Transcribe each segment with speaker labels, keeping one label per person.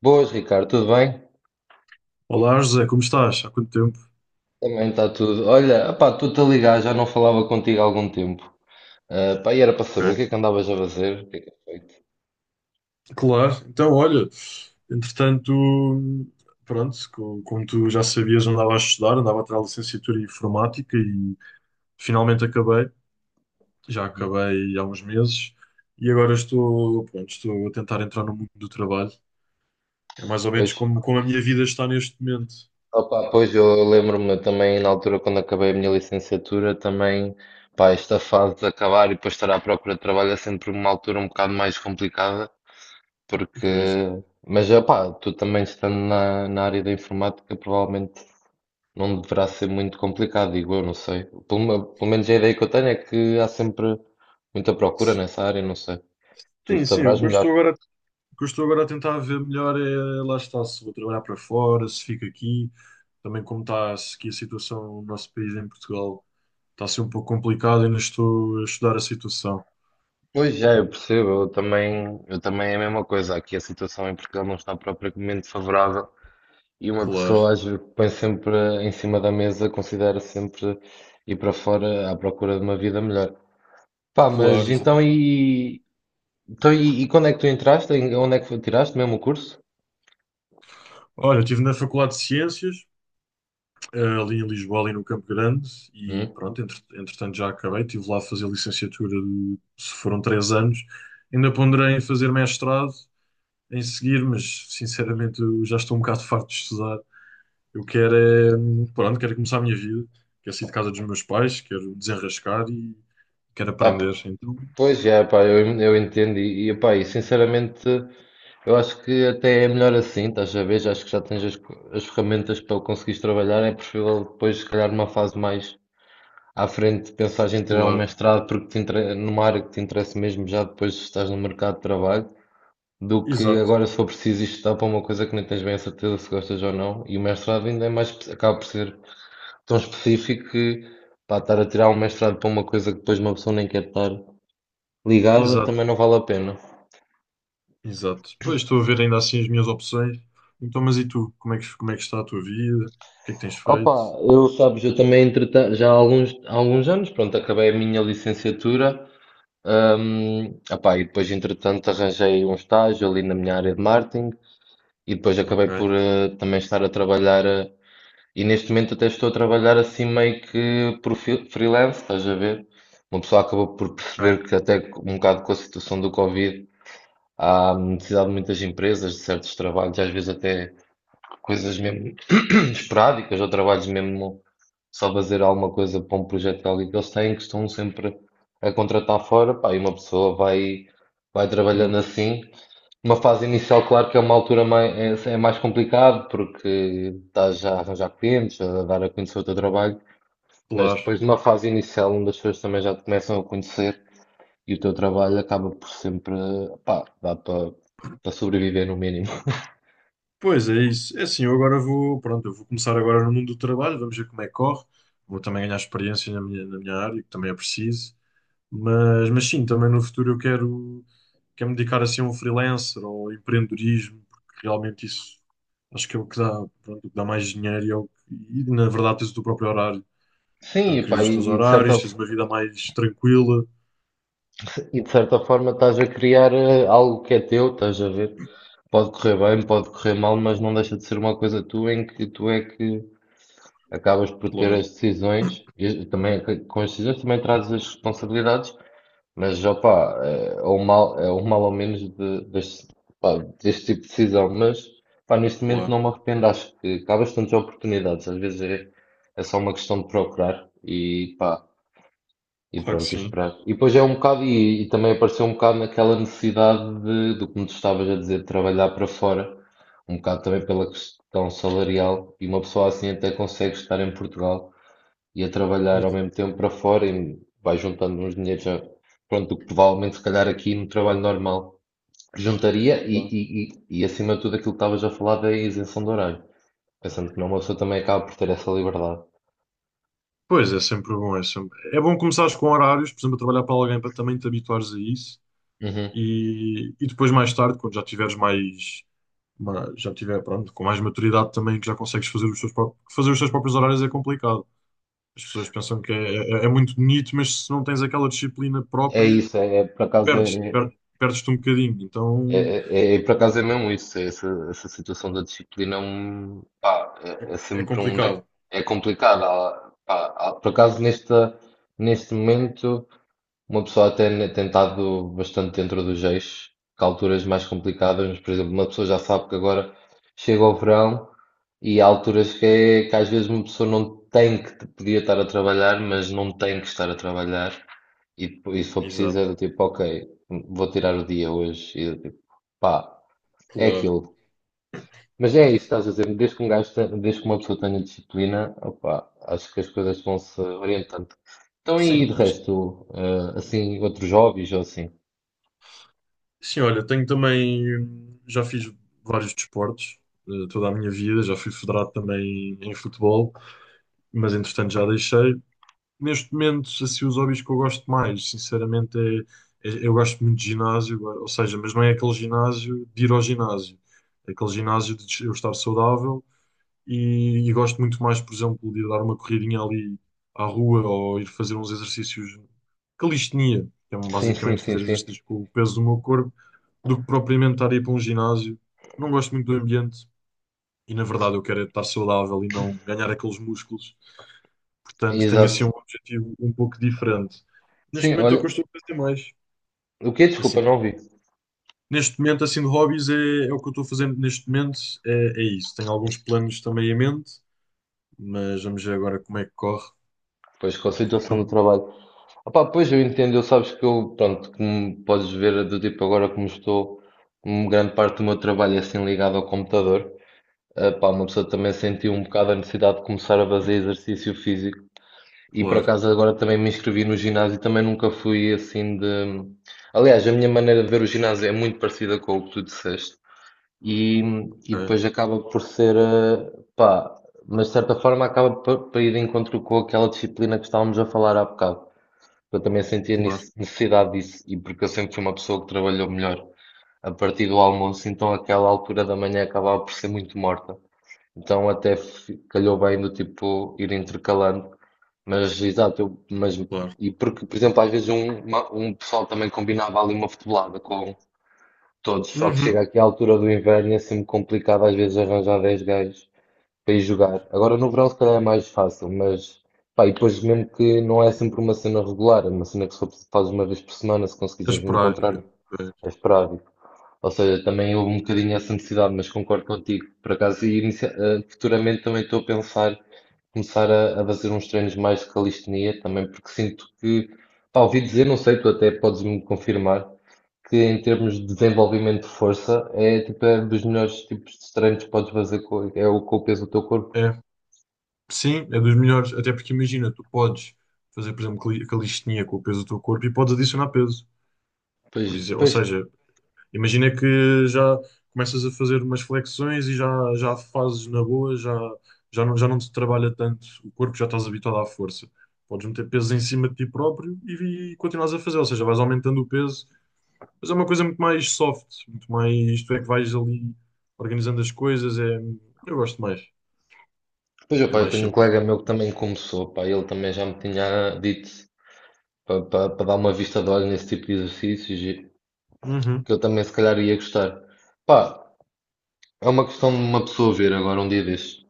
Speaker 1: Boas, Ricardo, tudo bem?
Speaker 2: Olá, José, como estás? Há quanto tempo?
Speaker 1: Também está tudo. Olha, opá, estou-te a ligar, já não falava contigo há algum tempo. Ah, pá, e era para saber o
Speaker 2: Ok.
Speaker 1: que é que andavas a fazer, o que é feito.
Speaker 2: Claro, então olha, entretanto, pronto, como tu já sabias, andava a estudar, andava a tirar a licenciatura em informática e finalmente acabei, já
Speaker 1: Uhum.
Speaker 2: acabei há uns meses e agora estou, pronto, estou a tentar entrar no mundo do trabalho. É mais ou
Speaker 1: Pois,
Speaker 2: menos como, como a minha vida está neste momento.
Speaker 1: opá, pois eu lembro-me também na altura quando acabei a minha licenciatura, também, pá, esta fase de acabar e depois estar à procura de trabalho é sempre uma altura um bocado mais complicada, porque.
Speaker 2: Pois.
Speaker 1: Mas, opá, tu também estando na área da informática, provavelmente não deverá ser muito complicado, digo eu, não sei. Pelo menos a ideia que eu tenho é que há sempre muita procura nessa área, não sei. Tu
Speaker 2: Sim, sim,
Speaker 1: saberás melhor.
Speaker 2: o que eu estou agora a tentar ver melhor é lá está, se vou trabalhar para fora, se fico aqui, também como está aqui a situação no nosso país em Portugal, está a ser um pouco complicado, e ainda estou a estudar a situação.
Speaker 1: Pois já, eu percebo, eu também é a mesma coisa. Aqui a situação em Portugal não está propriamente favorável e uma
Speaker 2: Claro.
Speaker 1: pessoa às vezes põe sempre em cima da mesa, considera sempre ir para fora à procura de uma vida melhor. Pá, mas
Speaker 2: Claro, exato.
Speaker 1: então, quando é que tu entraste? Onde é que tiraste mesmo o curso?
Speaker 2: Olha, eu estive na Faculdade de Ciências, ali em Lisboa, ali no Campo Grande, e
Speaker 1: Hum?
Speaker 2: pronto, entretanto já acabei, estive lá a fazer licenciatura, de, se foram três anos. Ainda ponderei em fazer mestrado em seguir, mas sinceramente eu já estou um bocado farto de estudar. Eu quero é, pronto, quero é começar a minha vida, quero sair de casa dos meus pais, quero desenrascar e quero
Speaker 1: Pá,
Speaker 2: aprender. Então,
Speaker 1: pois é, pá, eu entendo e, pá, sinceramente eu acho que até é melhor assim, estás a ver? Já acho que já tens as ferramentas para conseguires trabalhar, é preferível depois, se calhar, numa fase mais à frente, pensares em tirar um
Speaker 2: claro.
Speaker 1: mestrado porque numa área que te interessa mesmo, já depois estás no mercado de trabalho, do que
Speaker 2: Exato,
Speaker 1: agora se for preciso estudar para uma coisa que nem tens bem a certeza se gostas ou não, e o mestrado ainda é mais, acaba por ser tão específico que, pá, estar a tirar um mestrado para uma coisa que depois uma pessoa nem quer estar ligado
Speaker 2: exato,
Speaker 1: também não vale a pena.
Speaker 2: exato. Pois estou a ver ainda assim as minhas opções. Então, mas e tu? Como é que está a tua vida? O que é que tens feito?
Speaker 1: Opa, eu sabes, eu também, entretanto, já há alguns anos, pronto, acabei a minha licenciatura, opá, e depois entretanto arranjei um estágio ali na minha área de marketing e depois acabei
Speaker 2: Ok,
Speaker 1: por também estar a trabalhar, e neste momento até estou a trabalhar assim meio que por freelance, estás a ver? Uma pessoa acabou por perceber
Speaker 2: ok,
Speaker 1: que até um bocado, com a situação do Covid, há necessidade de muitas empresas, de certos trabalhos, às vezes até coisas mesmo esporádicas ou trabalhos mesmo só fazer alguma coisa para um projeto de alguém que eles têm, que estão sempre a contratar fora, pá, e uma pessoa vai trabalhando
Speaker 2: boa,
Speaker 1: assim. Uma fase inicial, claro que é uma altura mais, é mais complicado porque estás já a arranjar clientes, a dar a conhecer o teu trabalho, mas
Speaker 2: claro.
Speaker 1: depois de uma fase inicial, onde as pessoas também já te começam a conhecer e o teu trabalho acaba por sempre, pá, dá para sobreviver no mínimo.
Speaker 2: Pois é isso. É assim, eu agora vou, pronto, eu vou começar agora no mundo do trabalho, vamos ver como é que corre. Vou também ganhar experiência na minha área, que também é preciso. Mas sim, também no futuro eu quero, quero me dedicar assim a um freelancer ou empreendedorismo, porque realmente isso acho que é o que dá, pronto, o que dá mais dinheiro e, na verdade tens o teu próprio horário.
Speaker 1: Sim,
Speaker 2: Portanto, crias os teus horários, tens uma vida mais tranquila.
Speaker 1: e de certa forma estás a criar algo que é teu, estás a ver? Pode correr bem, pode correr mal, mas não deixa de ser uma coisa tua em que tu é que acabas por ter
Speaker 2: Claro,
Speaker 1: as decisões, e também, com as decisões, também trazes as responsabilidades, mas opá, é o mal ou menos deste tipo de decisão, mas, pá, neste momento
Speaker 2: claro,
Speaker 1: não me arrependo, acho que há bastantes oportunidades, às vezes é só uma questão de procurar, e pá. E
Speaker 2: claro que
Speaker 1: pronto, e
Speaker 2: sim.
Speaker 1: esperar. E depois é um bocado, e também apareceu um bocado naquela necessidade do que me tu estavas a dizer, de trabalhar para fora, um bocado também pela questão salarial, e uma pessoa assim até consegue estar em Portugal e a trabalhar ao
Speaker 2: Exato,
Speaker 1: mesmo tempo para fora e vai juntando uns dinheiros, já, pronto, o que provavelmente se calhar aqui no trabalho normal juntaria, e,
Speaker 2: claro.
Speaker 1: e, e, e acima de tudo, aquilo que estavas a falar da isenção de horário, pensando que não, uma pessoa também acaba por ter essa liberdade.
Speaker 2: Pois é, sempre bom, é sempre. É bom começares com horários, por exemplo, a trabalhar para alguém para também te habituares a isso.
Speaker 1: Uhum.
Speaker 2: E depois, mais tarde, quando já tiveres mais pronto, com mais maturidade também, que já consegues fazer os teus, fazer os teus próprios horários é complicado. As pessoas pensam que é, é, é muito bonito, mas se não tens aquela disciplina
Speaker 1: É
Speaker 2: própria,
Speaker 1: isso,
Speaker 2: perdes, per, perdes-te um bocadinho. Então
Speaker 1: Por acaso é mesmo isso, é essa situação da disciplina é um, pá,
Speaker 2: é,
Speaker 1: é
Speaker 2: é
Speaker 1: sempre um,
Speaker 2: complicado.
Speaker 1: é complicado. Pá, por acaso neste momento uma pessoa até tem estado bastante dentro dos eixos, que há alturas mais complicadas, mas, por exemplo, uma pessoa já sabe que agora chega o verão e há alturas que às vezes uma pessoa não tem que, podia estar a trabalhar, mas não tem que estar a trabalhar. E depois, e se for preciso,
Speaker 2: Exato,
Speaker 1: é do tipo, ok, vou tirar o dia hoje. E do tipo, pá, é
Speaker 2: claro.
Speaker 1: aquilo. Mas é isso que estás a dizer, desde que um gajo te- desde que uma pessoa tenha disciplina, opa, acho que as coisas vão-se orientando. Então, e
Speaker 2: Sim,
Speaker 1: de
Speaker 2: acho,
Speaker 1: resto, assim, outros hobbies ou assim?
Speaker 2: sim, olha, tenho também, já fiz vários desportos. Toda a minha vida, já fui federado também em futebol, mas entretanto já deixei. Neste momento, assim, os hobbies que eu gosto mais, sinceramente, eu gosto muito de ginásio, ou seja, mas não é aquele ginásio de ir ao ginásio, é aquele ginásio de eu estar saudável e gosto muito mais, por exemplo, de ir dar uma corridinha ali à rua ou ir fazer uns exercícios, calistenia, que é um,
Speaker 1: Sim, sim,
Speaker 2: basicamente
Speaker 1: sim,
Speaker 2: fazer
Speaker 1: sim.
Speaker 2: exercícios com o peso do meu corpo, do que propriamente estar a ir para um ginásio. Não gosto muito do ambiente e, na verdade, eu quero é estar saudável e não ganhar aqueles músculos. Portanto, tenho assim um
Speaker 1: Exato.
Speaker 2: objetivo um pouco diferente. Neste
Speaker 1: Sim,
Speaker 2: momento é o que
Speaker 1: olha,
Speaker 2: eu estou a fazer mais.
Speaker 1: o que
Speaker 2: Assim,
Speaker 1: desculpa,
Speaker 2: de
Speaker 1: não
Speaker 2: hobby.
Speaker 1: vi.
Speaker 2: Neste momento, assim, de hobbies é, é o que eu estou fazendo neste momento, é, é isso. Tenho alguns planos também em mente, mas vamos ver agora como é que corre.
Speaker 1: Pois, com a
Speaker 2: E tu,
Speaker 1: situação do trabalho. Opá, pois eu entendo, eu sabes que eu, pronto, como podes ver, do tipo, agora como estou, uma grande parte do meu trabalho é assim ligado ao computador. Ah, pá, uma pessoa também sentiu um bocado a necessidade de começar a fazer exercício físico. E por
Speaker 2: claro,
Speaker 1: acaso agora também me inscrevi no ginásio, e também nunca fui assim de. Aliás, a minha maneira de ver o ginásio é muito parecida com o que tu disseste. E, e
Speaker 2: é,
Speaker 1: depois acaba por ser, pá, mas de certa forma acaba por ir de encontro com aquela disciplina que estávamos a falar há bocado. Eu também sentia
Speaker 2: claro,
Speaker 1: necessidade disso, e porque eu sempre fui uma pessoa que trabalhou melhor a partir do almoço, então aquela altura da manhã acabava por ser muito morta. Então até calhou bem, do tipo, ir intercalando. Mas, exato, eu, mas,
Speaker 2: claro.
Speaker 1: e porque, por exemplo, às vezes um pessoal também combinava ali uma futebolada com todos, só que
Speaker 2: Uhum.
Speaker 1: chega aqui à altura do inverno e é sempre complicado às vezes arranjar 10 gajos para ir jogar. Agora no verão se calhar é mais fácil, mas, pá, e depois, mesmo que não é sempre uma cena regular, é uma cena que só faz uma vez por semana, se
Speaker 2: É
Speaker 1: conseguires
Speaker 2: esperar.
Speaker 1: encontrar, é esperável. Ou seja, também houve um bocadinho essa necessidade, mas concordo contigo. Por acaso, futuramente também estou a pensar começar a fazer uns treinos mais de calistenia também, porque sinto que, pá, ouvi dizer, não sei, tu até podes me confirmar, que em termos de desenvolvimento de força é tipo é dos melhores tipos de treinos que podes fazer com, com o peso do teu
Speaker 2: É,
Speaker 1: corpo.
Speaker 2: é. Sim, é dos melhores, até porque imagina, tu podes fazer, por exemplo, calistenia com o peso do teu corpo e podes adicionar peso.
Speaker 1: Pois,
Speaker 2: Por exemplo, ou
Speaker 1: pois,
Speaker 2: seja, imagina que já começas a fazer umas flexões e já, já fazes na boa, já, já não te trabalha tanto o corpo, já estás habituado à força. Podes meter peso em cima de ti próprio e continuas a fazer, ou seja, vais aumentando o peso, mas é uma coisa muito mais soft, muito mais, isto é que vais ali organizando as coisas, é, eu gosto mais,
Speaker 1: pois,
Speaker 2: é
Speaker 1: opá, eu
Speaker 2: mais
Speaker 1: tenho um
Speaker 2: simples.
Speaker 1: colega meu que também começou, pá, ele também já me tinha dito para dar uma vista de olho nesse tipo de exercícios, e
Speaker 2: Uhum,
Speaker 1: que eu também se calhar ia gostar. Pá, é uma questão de uma pessoa ver agora um dia destes.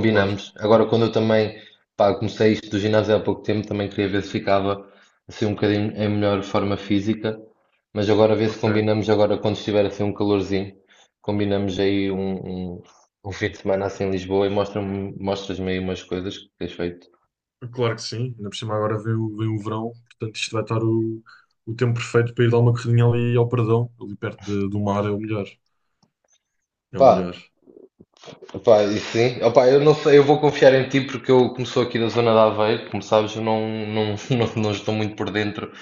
Speaker 2: claro,
Speaker 1: Agora, quando eu também, pá, comecei isto do ginásio há pouco tempo, também queria ver se ficava assim um bocadinho em melhor forma física, mas agora ver se
Speaker 2: ok.
Speaker 1: combinamos agora, quando estiver assim um calorzinho, combinamos aí um fim de semana assim em Lisboa, e mostras-me aí umas coisas que tens feito.
Speaker 2: Claro que sim, ainda por cima agora vem o, vem o verão, portanto isto vai estar o tempo perfeito para ir dar uma corridinha ali ao Perdão, ali do mar é o melhor. É o
Speaker 1: Pá,
Speaker 2: melhor.
Speaker 1: opa, e sim. Opa, eu não sei, eu vou confiar em ti porque eu, como sou aqui da zona de Aveiro, como sabes, eu não, não estou muito por dentro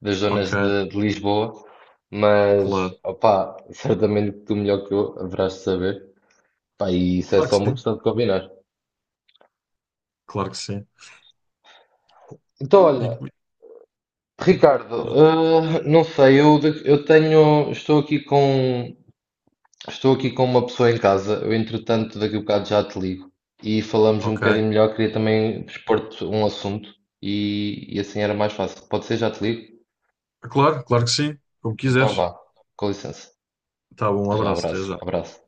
Speaker 1: das
Speaker 2: Ok,
Speaker 1: zonas de Lisboa, mas
Speaker 2: claro.
Speaker 1: opa, certamente que tu, melhor que eu, haverás de saber. Pá, e isso é
Speaker 2: Claro
Speaker 1: só
Speaker 2: que
Speaker 1: uma
Speaker 2: sim,
Speaker 1: questão de combinar.
Speaker 2: claro que sim.
Speaker 1: Então,
Speaker 2: Pronto,
Speaker 1: olha, Ricardo,
Speaker 2: e-
Speaker 1: ah, não sei, eu, eu tenho, estou aqui com uma pessoa em casa. Eu, entretanto, daqui a bocado já te ligo e falamos um
Speaker 2: ok,
Speaker 1: bocadinho melhor. Queria também expor-te um assunto, e assim era mais fácil. Pode ser, já te ligo?
Speaker 2: claro, claro que sim, como
Speaker 1: Então
Speaker 2: quiseres.
Speaker 1: vá, com licença.
Speaker 2: Tá bom, um
Speaker 1: Até já,
Speaker 2: abraço, até
Speaker 1: abraço,
Speaker 2: já.
Speaker 1: abraço.